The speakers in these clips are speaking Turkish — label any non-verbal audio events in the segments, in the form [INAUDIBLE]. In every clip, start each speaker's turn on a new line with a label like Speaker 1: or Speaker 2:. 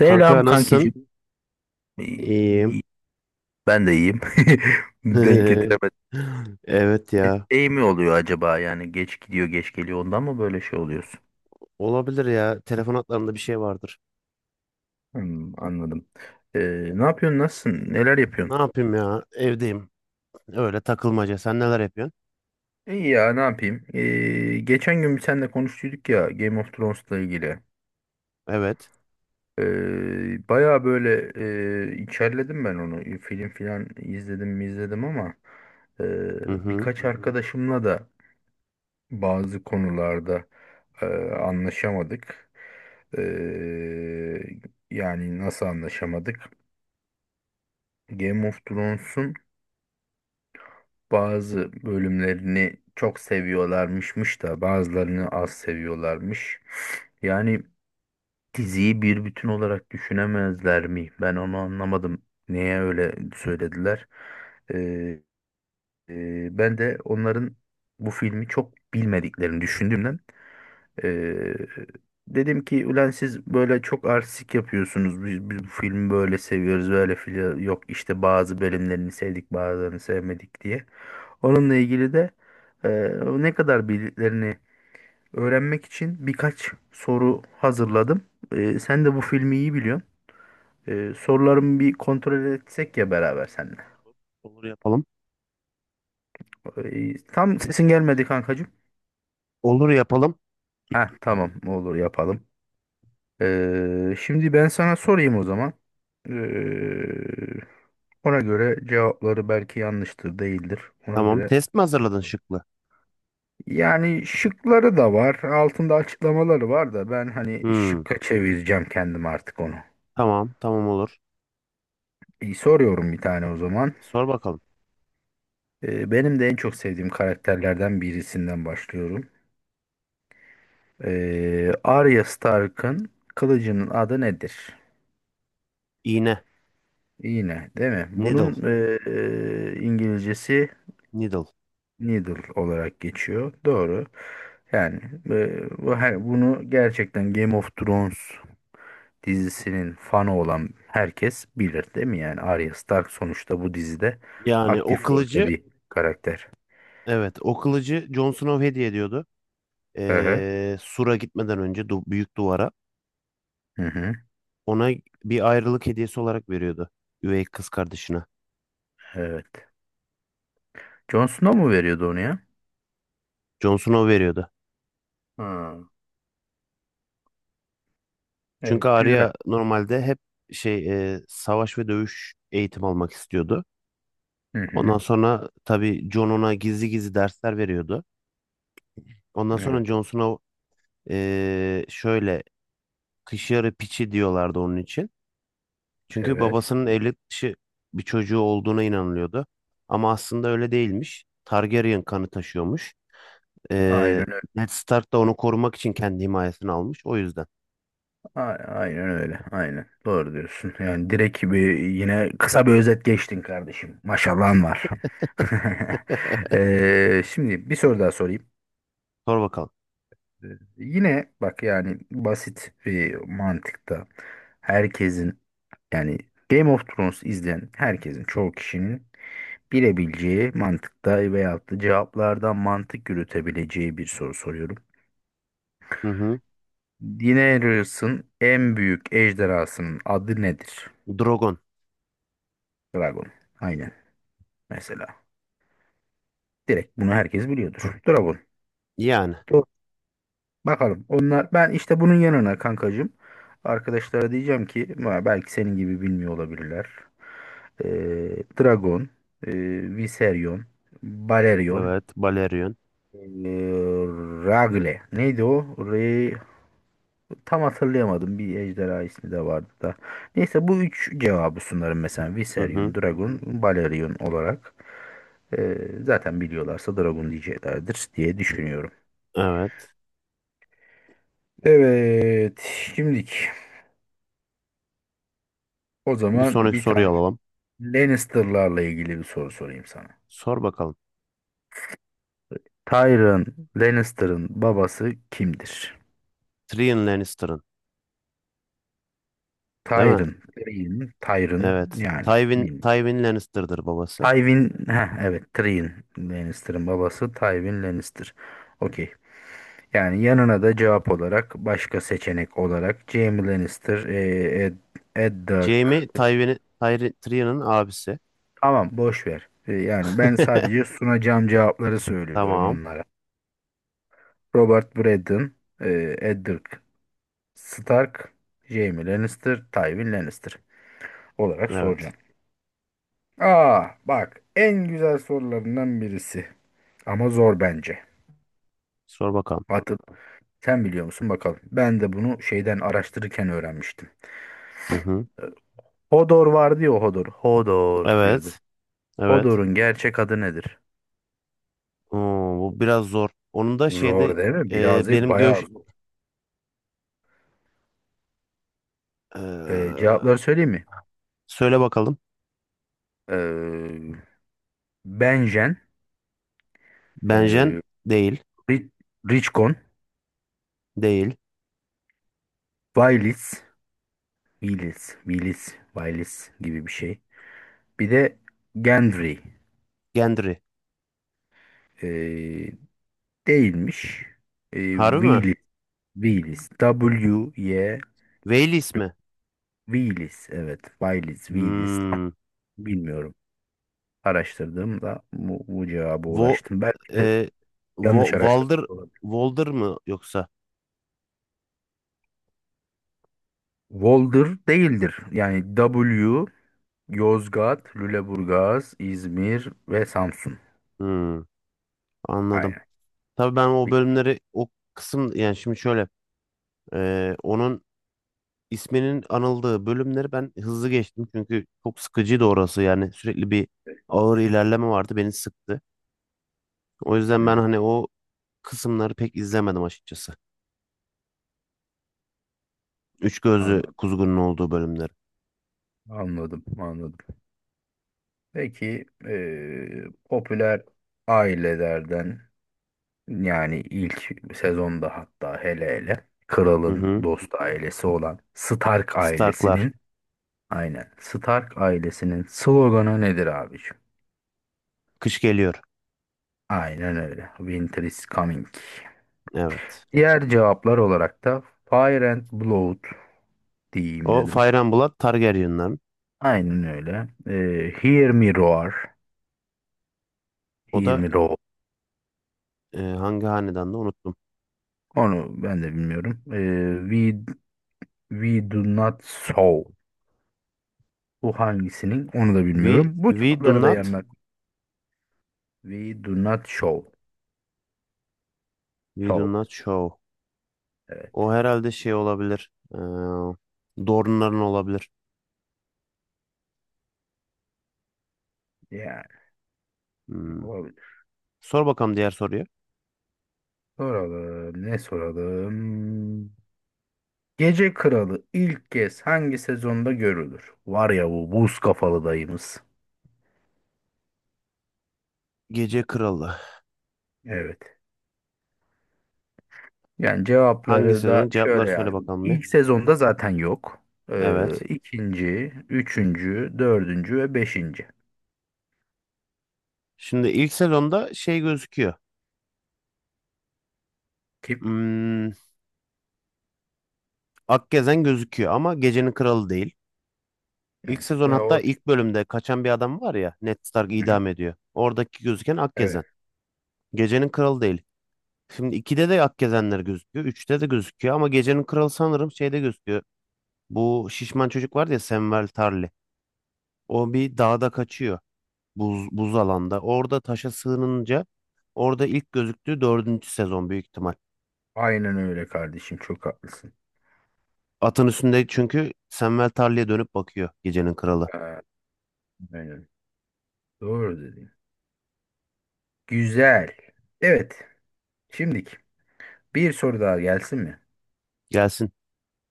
Speaker 1: Kanka nasılsın?
Speaker 2: kankicim.
Speaker 1: İyiyim.
Speaker 2: İyi- Ben de iyiyim. [LAUGHS] Denk
Speaker 1: [LAUGHS]
Speaker 2: getiremedim.
Speaker 1: Evet
Speaker 2: E,
Speaker 1: ya.
Speaker 2: Şey mi oluyor acaba yani geç gidiyor geç geliyor ondan mı böyle şey oluyorsun?
Speaker 1: Olabilir ya. Telefon hatlarında bir şey vardır.
Speaker 2: Hmm, anladım. Ee, Ne yapıyorsun nasılsın neler
Speaker 1: Ne
Speaker 2: yapıyorsun?
Speaker 1: yapayım ya? Evdeyim. Öyle takılmaca. Sen neler yapıyorsun?
Speaker 2: İyi ya ne yapayım? Geçen gün bir seninle konuştuyduk ya Game of Thrones'la ilgili.
Speaker 1: Evet.
Speaker 2: Baya böyle içerledim ben onu. Film filan izledim mi izledim ama
Speaker 1: Hı hı.
Speaker 2: birkaç arkadaşımla da bazı konularda Ee, anlaşamadık. Ee, Yani nasıl anlaşamadık? Game of Thrones'un bazı bölümlerini çok seviyorlarmışmış da bazılarını az seviyorlarmış. Yani diziyi bir bütün olarak düşünemezler mi? Ben onu anlamadım. Neye öyle söylediler? Ee, Ben de onların bu filmi çok bilmediklerini düşündüm. Ee, Dedim ki ulan siz böyle çok artistik yapıyorsunuz. Biz bu filmi böyle seviyoruz böyle fili yok işte bazı bölümlerini sevdik bazılarını sevmedik diye. Onunla ilgili de e, ne kadar bildiklerini öğrenmek için birkaç soru hazırladım. Sen de bu filmi iyi biliyorsun. Sorularımı bir kontrol etsek ya beraber seninle.
Speaker 1: Olur yapalım.
Speaker 2: Tam sesin gelmedi kankacığım.
Speaker 1: Olur yapalım.
Speaker 2: Ha tamam olur yapalım. Şimdi ben sana sorayım o zaman. Ee, Ona göre cevapları belki yanlıştır, değildir. Ona
Speaker 1: Tamam.
Speaker 2: göre.
Speaker 1: Test mi hazırladın şıklı?
Speaker 2: Yani şıkları da var, altında açıklamaları var da ben hani
Speaker 1: Hmm.
Speaker 2: şıkka çevireceğim kendim artık onu.
Speaker 1: Tamam. Tamam olur.
Speaker 2: İyi, soruyorum bir tane o zaman.
Speaker 1: Sor bakalım.
Speaker 2: Benim de en çok sevdiğim karakterlerden birisinden başlıyorum. Arya Stark'ın kılıcının adı nedir?
Speaker 1: İğne.
Speaker 2: Yine, değil mi?
Speaker 1: Needle.
Speaker 2: Bunun İngilizcesi
Speaker 1: Needle.
Speaker 2: Needle olarak geçiyor. Doğru. Yani bu her, bunu gerçekten Game of Thrones dizisinin fanı olan herkes bilir değil mi? Yani Arya Stark sonuçta bu dizide
Speaker 1: Yani o
Speaker 2: aktif rolde
Speaker 1: kılıcı
Speaker 2: bir karakter.
Speaker 1: evet o kılıcı Jon Snow hediye ediyordu.
Speaker 2: Hı hı.
Speaker 1: Sur'a gitmeden önce du büyük duvara.
Speaker 2: Hı hı.
Speaker 1: Ona bir ayrılık hediyesi olarak veriyordu. Üvey kız kardeşine.
Speaker 2: Evet. Jon Snow mu veriyordu onu ya?
Speaker 1: Jon Snow veriyordu.
Speaker 2: Ha,
Speaker 1: Çünkü
Speaker 2: evet güzel.
Speaker 1: Arya normalde hep şey savaş ve dövüş eğitim almak istiyordu.
Speaker 2: Hı hı.
Speaker 1: Ondan sonra tabii Jon ona gizli gizli dersler veriyordu. Ondan sonra
Speaker 2: Evet.
Speaker 1: Jon Snow e, şöyle kış yarı piçi diyorlardı onun için. Çünkü
Speaker 2: Evet.
Speaker 1: babasının evlilik dışı bir çocuğu olduğuna inanılıyordu. Ama aslında öyle değilmiş. Targaryen kanı taşıyormuş. E,
Speaker 2: Aynen
Speaker 1: Ned Stark da onu korumak için kendi himayesine almış. O yüzden.
Speaker 2: A- Aynen öyle. Aynen. Doğru diyorsun. Yani direkt bir yine kısa bir özet geçtin kardeşim. Maşallahın var. [LAUGHS] Şimdi bir soru daha sorayım.
Speaker 1: Sor bakalım.
Speaker 2: Ee, Yine bak yani basit bir mantıkta herkesin yani Game of Thrones izleyen herkesin çoğu kişinin bilebileceği mantıkta veyahut da cevaplardan mantık yürütebileceği bir soru soruyorum.
Speaker 1: Hı hı.
Speaker 2: Daenerys'in en büyük ejderhasının adı nedir?
Speaker 1: Drogon.
Speaker 2: Dragon. Aynen. Mesela. Direkt bunu herkes biliyordur. Dragon.
Speaker 1: Yani.
Speaker 2: Doğru. Bakalım. Onlar ben işte bunun yanına kankacığım arkadaşlara diyeceğim ki "Ma, belki senin gibi bilmiyor olabilirler. Dragon, e, Viserion, Balerion,
Speaker 1: Evet. Balerion.
Speaker 2: e, Ragle. Neydi o? Re, tam hatırlayamadım. Bir ejderha ismi de vardı da. Neyse bu üç cevabı sunarım mesela.
Speaker 1: Hı hı.
Speaker 2: Viserion, Dragon, Balerion olarak. Ee, Zaten biliyorlarsa Dragon diyeceklerdir diye düşünüyorum.
Speaker 1: Evet.
Speaker 2: Evet, şimdilik o
Speaker 1: Bir
Speaker 2: zaman
Speaker 1: sonraki
Speaker 2: bir tane
Speaker 1: soruyu alalım.
Speaker 2: Lannister'larla ilgili bir soru sorayım sana.
Speaker 1: Sor bakalım.
Speaker 2: Tyrion Lannister'ın babası kimdir?
Speaker 1: Tyrion Lannister'ın. Değil mi?
Speaker 2: Tyrion, Tyrion, Tyrion
Speaker 1: Evet.
Speaker 2: yani
Speaker 1: Tywin,
Speaker 2: bilmiyorum.
Speaker 1: Tywin Lannister'dır babası.
Speaker 2: Tywin, heh, evet Tyrion Lannister'ın babası Tywin Lannister. Okey. Yani yanına da cevap olarak başka seçenek olarak Jaime Lannister, Eddard.
Speaker 1: Jaime Tywin'i Tyrion'un abisi.
Speaker 2: Tamam boş ver. Yani ben sadece
Speaker 1: [LAUGHS]
Speaker 2: sunacağım cevapları söylüyorum
Speaker 1: Tamam.
Speaker 2: onlara. Robert Braddon, e, Eddard Stark, Jaime Lannister, Tywin Lannister olarak
Speaker 1: Evet.
Speaker 2: soracağım. Aa bak en güzel sorularından birisi ama zor bence.
Speaker 1: Sor bakalım.
Speaker 2: Atıp sen biliyor musun bakalım. Ben de bunu şeyden araştırırken öğrenmiştim.
Speaker 1: Hı hı.
Speaker 2: E, Hodor vardı ya Hodor. Hodor diyordu.
Speaker 1: Evet. Evet.
Speaker 2: Hodor'un gerçek adı nedir?
Speaker 1: Oo, bu biraz zor. Onun da şeyde
Speaker 2: Zor değil mi?
Speaker 1: e,
Speaker 2: Biraz değil
Speaker 1: benim
Speaker 2: bayağı
Speaker 1: göç...
Speaker 2: zor.
Speaker 1: e,
Speaker 2: Cevapları söyleyeyim mi?
Speaker 1: söyle bakalım.
Speaker 2: E, Benjen,
Speaker 1: Benjen
Speaker 2: e,
Speaker 1: değil.
Speaker 2: Ri- Richcon,
Speaker 1: Değil.
Speaker 2: Vaylits, Willis, Willis, Willis gibi bir şey. Bir de Gendry
Speaker 1: Gendry.
Speaker 2: eee, değilmiş. Eee
Speaker 1: Harbi mi?
Speaker 2: Willis, Willis, W-Y,
Speaker 1: Wales mi?
Speaker 2: Willis. Evet, Willis, Willis. Tam
Speaker 1: Hmm.
Speaker 2: bilmiyorum. Araştırdığımda bu cevaba
Speaker 1: Vo,
Speaker 2: ulaştım. Belki de
Speaker 1: e, Vo,
Speaker 2: yanlış
Speaker 1: Walder,
Speaker 2: araştırmış olabilir.
Speaker 1: Walder mı yoksa?
Speaker 2: Volder değildir. Yani W, Yozgat, Lüleburgaz, İzmir ve Samsun.
Speaker 1: Hmm, anladım.
Speaker 2: Aynen.
Speaker 1: Tabii ben o
Speaker 2: Hı
Speaker 1: bölümleri o kısım yani şimdi şöyle e, onun isminin anıldığı bölümleri ben hızlı geçtim çünkü çok sıkıcıydı orası yani sürekli bir ağır ilerleme vardı beni sıktı. O yüzden ben
Speaker 2: hı.
Speaker 1: hani o kısımları pek izlemedim açıkçası. Üç gözlü
Speaker 2: Anladım,
Speaker 1: kuzgunun olduğu bölümleri.
Speaker 2: anladım, anladım. Peki popüler ailelerden yani ilk sezonda hatta hele hele
Speaker 1: Hı
Speaker 2: kralın
Speaker 1: hı.
Speaker 2: dost ailesi olan Stark
Speaker 1: Starklar.
Speaker 2: ailesinin aynen Stark ailesinin sloganı nedir abiciğim?
Speaker 1: Kış geliyor.
Speaker 2: Aynen öyle. Winter is coming.
Speaker 1: Evet.
Speaker 2: Diğer cevaplar olarak da Fire and Blood diyeyim
Speaker 1: O
Speaker 2: dedim.
Speaker 1: Fire and Blood Targaryen'ların.
Speaker 2: Aynen öyle. Hear Me Roar.
Speaker 1: O
Speaker 2: Hear
Speaker 1: da
Speaker 2: Me Roar.
Speaker 1: hangi hanedanda unuttum.
Speaker 2: Onu ben de bilmiyorum. We do not sow. Bu hangisinin? Onu da
Speaker 1: We,
Speaker 2: bilmiyorum. Bu
Speaker 1: we do
Speaker 2: cevapları da
Speaker 1: not,
Speaker 2: yanına. We do not show.
Speaker 1: we do
Speaker 2: So.
Speaker 1: not show.
Speaker 2: Evet.
Speaker 1: O herhalde şey olabilir. Dorne'ların olabilir.
Speaker 2: Yani
Speaker 1: Hmm.
Speaker 2: olabilir.
Speaker 1: Sor bakalım diğer soruyu.
Speaker 2: Soralım. Ne soralım? Gece Kralı ilk kez hangi sezonda görülür? Var ya bu buz kafalı dayımız.
Speaker 1: Gece Kralı.
Speaker 2: Evet. Yani
Speaker 1: Hangi
Speaker 2: cevapları da
Speaker 1: sezonun? Cevapları
Speaker 2: şöyle
Speaker 1: söyle
Speaker 2: yazdım.
Speaker 1: bakalım bir.
Speaker 2: İlk sezonda zaten yok.
Speaker 1: Evet.
Speaker 2: İkinci, üçüncü, dördüncü ve beşinci.
Speaker 1: Şimdi ilk sezonda şey gözüküyor.
Speaker 2: Kim?
Speaker 1: Hmm, Akgezen gözüküyor ama Gecenin Kralı değil. İlk
Speaker 2: Yani,
Speaker 1: sezon
Speaker 2: ve
Speaker 1: hatta
Speaker 2: o.
Speaker 1: ilk bölümde kaçan bir adam var ya. Ned Stark
Speaker 2: Hı hı.
Speaker 1: idam ediyor. Oradaki gözüken
Speaker 2: Evet.
Speaker 1: Akgezen. Gecenin Kralı değil. Şimdi 2'de de ak gezenler gözüküyor. Üçte de gözüküyor ama gecenin kralı sanırım şeyde gözüküyor. Bu şişman çocuk var ya Samuel Tarly. O bir dağda kaçıyor. Buz alanda. Orada taşa sığınınca orada ilk gözüktüğü dördüncü sezon büyük ihtimal.
Speaker 2: Aynen öyle kardeşim. Çok haklısın.
Speaker 1: Atın üstünde çünkü Samuel Tarly'e dönüp bakıyor gecenin kralı.
Speaker 2: Ee, Aynen. Doğru dedin. Güzel. Evet. Şimdiki bir soru daha gelsin mi?
Speaker 1: Gelsin.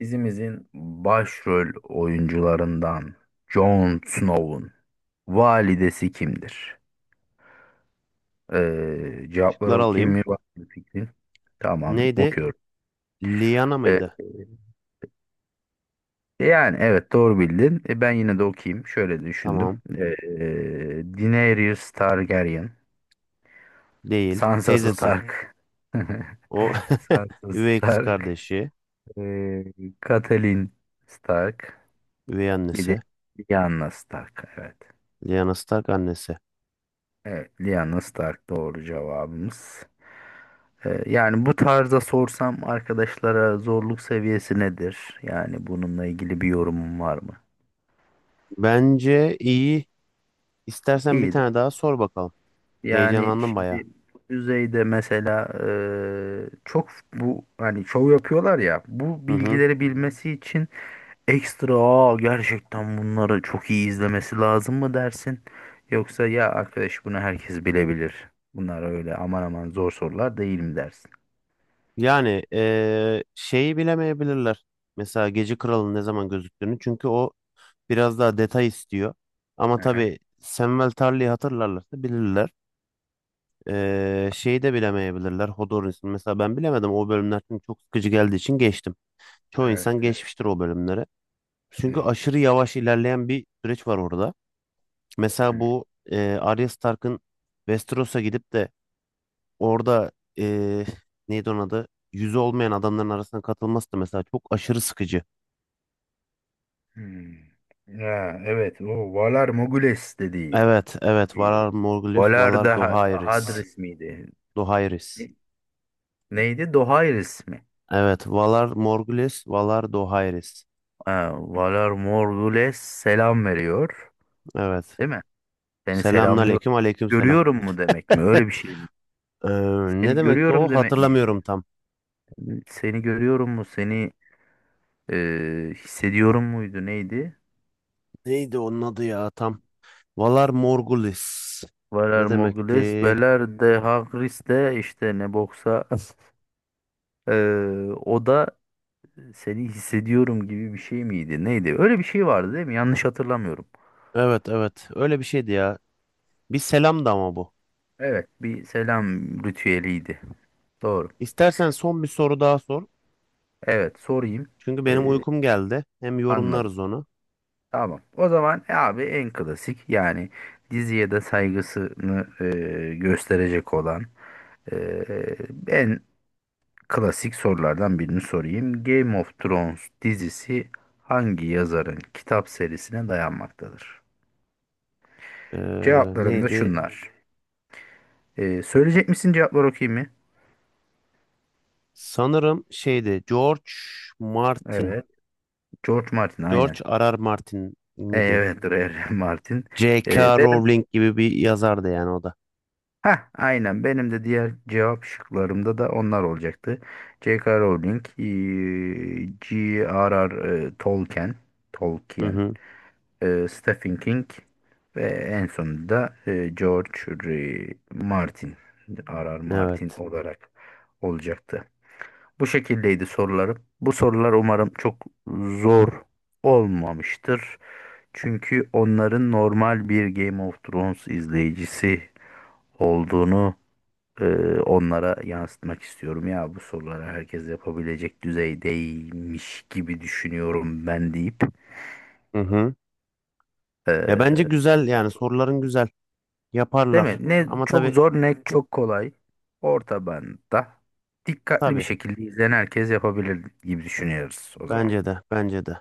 Speaker 2: Dizimizin başrol oyuncularından Jon Snow'un validesi kimdir? Cevapları
Speaker 1: Şıkları
Speaker 2: okuyayım
Speaker 1: alayım.
Speaker 2: mı? Var mı fikrin? Tamam,
Speaker 1: Neydi?
Speaker 2: okuyorum.
Speaker 1: Liana
Speaker 2: Ee,
Speaker 1: mıydı?
Speaker 2: Yani evet doğru bildin. Ben yine de okuyayım. Şöyle düşündüm.
Speaker 1: Tamam.
Speaker 2: Daenerys Targaryen,
Speaker 1: Değil.
Speaker 2: Sansa
Speaker 1: Teyzesi.
Speaker 2: Stark,
Speaker 1: O
Speaker 2: [LAUGHS]
Speaker 1: [LAUGHS]
Speaker 2: Sansa
Speaker 1: üvey kız
Speaker 2: Stark,
Speaker 1: kardeşi.
Speaker 2: Ee, Catelyn Stark.
Speaker 1: Üvey
Speaker 2: Bir de
Speaker 1: annesi.
Speaker 2: Lyanna Stark. Evet.
Speaker 1: Liana Stark annesi.
Speaker 2: Evet. Lyanna Stark doğru cevabımız. Yani bu tarzda sorsam arkadaşlara zorluk seviyesi nedir? Yani bununla ilgili bir yorumum var mı?
Speaker 1: Bence iyi. İstersen bir
Speaker 2: İyi. De.
Speaker 1: tane daha sor bakalım.
Speaker 2: Yani
Speaker 1: Heyecanlandım baya.
Speaker 2: şimdi bu düzeyde mesela çok bu hani şov yapıyorlar ya bu
Speaker 1: Hı hı.
Speaker 2: bilgileri bilmesi için ekstra "Aa, gerçekten bunları çok iyi izlemesi lazım mı dersin? Yoksa ya arkadaş bunu herkes bilebilir. Bunlar öyle aman aman zor sorular değil mi dersin?
Speaker 1: Yani şeyi bilemeyebilirler. Mesela Gece Kralı'nın ne zaman gözüktüğünü. Çünkü o biraz daha detay istiyor. Ama
Speaker 2: Aha,
Speaker 1: tabii Samwell Tarly'i hatırlarlarsa bilirler. Şeyi de bilemeyebilirler. Hodor'un mesela ben bilemedim. O bölümler çünkü çok sıkıcı geldiği için geçtim. Çoğu
Speaker 2: evet
Speaker 1: insan
Speaker 2: evet
Speaker 1: geçmiştir o bölümleri. Çünkü
Speaker 2: evet.
Speaker 1: aşırı yavaş ilerleyen bir süreç var orada. Mesela
Speaker 2: Hı,
Speaker 1: bu, Arya Stark'ın Westeros'a gidip de orada eee neydi onun adı? Yüzü olmayan adamların arasına katılması da mesela çok aşırı sıkıcı.
Speaker 2: hmm. Ya, evet o Valar Morghulis dediği
Speaker 1: Evet, evet.
Speaker 2: miydi?
Speaker 1: Valar Morghulis,
Speaker 2: Valar
Speaker 1: Valar
Speaker 2: da Ha-
Speaker 1: Dohaeris.
Speaker 2: Hadris miydi?
Speaker 1: Dohaeris.
Speaker 2: Neydi? Dohaeris mi?
Speaker 1: Evet, Valar Morghulis, Valar Dohaeris.
Speaker 2: Ha, Valar Morghulis selam veriyor.
Speaker 1: Evet.
Speaker 2: Değil mi? Seni selamlıyor.
Speaker 1: Selamünaleyküm, aleykümselam.
Speaker 2: Görüyorum mu demek mi?
Speaker 1: [LAUGHS]
Speaker 2: Öyle bir şey mi?
Speaker 1: Ee, ne
Speaker 2: Seni
Speaker 1: demekti o?
Speaker 2: görüyorum demek
Speaker 1: Hatırlamıyorum
Speaker 2: miydi?
Speaker 1: tam.
Speaker 2: Seni görüyorum mu? Seni hissediyorum muydu? Neydi?
Speaker 1: Neydi onun adı ya tam? Valar Morghulis.
Speaker 2: Valer
Speaker 1: Ne
Speaker 2: Mogules,
Speaker 1: demekti?
Speaker 2: Veler de Hagris de işte ne boksa [LAUGHS] e, o da seni hissediyorum gibi bir şey miydi? Neydi? Öyle bir şey vardı değil mi? Yanlış hatırlamıyorum.
Speaker 1: Evet evet öyle bir şeydi ya. Bir selam da ama bu.
Speaker 2: Evet, bir selam ritüeliydi. Doğru.
Speaker 1: İstersen son bir soru daha sor.
Speaker 2: Evet, sorayım.
Speaker 1: Çünkü benim uykum geldi. Hem
Speaker 2: Anladım.
Speaker 1: yorumlarız onu.
Speaker 2: Tamam. O zaman abi en klasik yani diziye de saygısını gösterecek olan ee, en klasik sorulardan birini sorayım. Game of Thrones dizisi hangi yazarın kitap serisine dayanmaktadır?
Speaker 1: Ee,
Speaker 2: Cevaplarım da
Speaker 1: neydi?
Speaker 2: şunlar. Söyleyecek misin cevapları okuyayım mı?
Speaker 1: Sanırım şeydi. George Martin.
Speaker 2: Evet. George Martin aynen.
Speaker 1: George R. R. Martin miydi?
Speaker 2: Evet [LAUGHS] R.R. Martin.
Speaker 1: J.K.
Speaker 2: Benim
Speaker 1: Rowling gibi bir yazardı yani o da.
Speaker 2: ha aynen benim de diğer cevap şıklarımda da onlar olacaktı. J.K. Rowling, G.R.R. Tolkien,
Speaker 1: Hı
Speaker 2: Tolkien
Speaker 1: hı.
Speaker 2: Stephen King ve en sonunda George R. Martin, R.R. Martin
Speaker 1: Evet.
Speaker 2: olarak olacaktı. Bu şekildeydi sorularım. Bu sorular umarım çok zor olmamıştır. Çünkü onların normal bir Game of Thrones izleyicisi olduğunu e, onlara yansıtmak istiyorum. Ya bu soruları herkes yapabilecek düzeydeymiş gibi düşünüyorum ben deyip
Speaker 1: Hı hı. Ya bence
Speaker 2: e,
Speaker 1: güzel yani soruların güzel.
Speaker 2: değil mi?
Speaker 1: Yaparlar.
Speaker 2: Ne, hı,
Speaker 1: Ama
Speaker 2: çok
Speaker 1: tabii
Speaker 2: zor ne çok kolay. Orta bantta dikkatli bir
Speaker 1: tabii.
Speaker 2: şekilde izleyen herkes yapabilir gibi düşünüyoruz o zaman.
Speaker 1: Bence de bence de.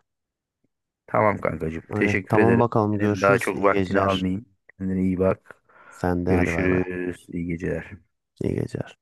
Speaker 2: Tamam kankacığım.
Speaker 1: Öyle.
Speaker 2: Teşekkür
Speaker 1: Tamam
Speaker 2: ederim.
Speaker 1: bakalım
Speaker 2: Senin daha
Speaker 1: görüşürüz.
Speaker 2: çok
Speaker 1: İyi
Speaker 2: vaktini
Speaker 1: geceler.
Speaker 2: almayayım. Kendine iyi bak.
Speaker 1: Sen de hadi bay bay.
Speaker 2: Görüşürüz. İyi geceler.
Speaker 1: İyi geceler.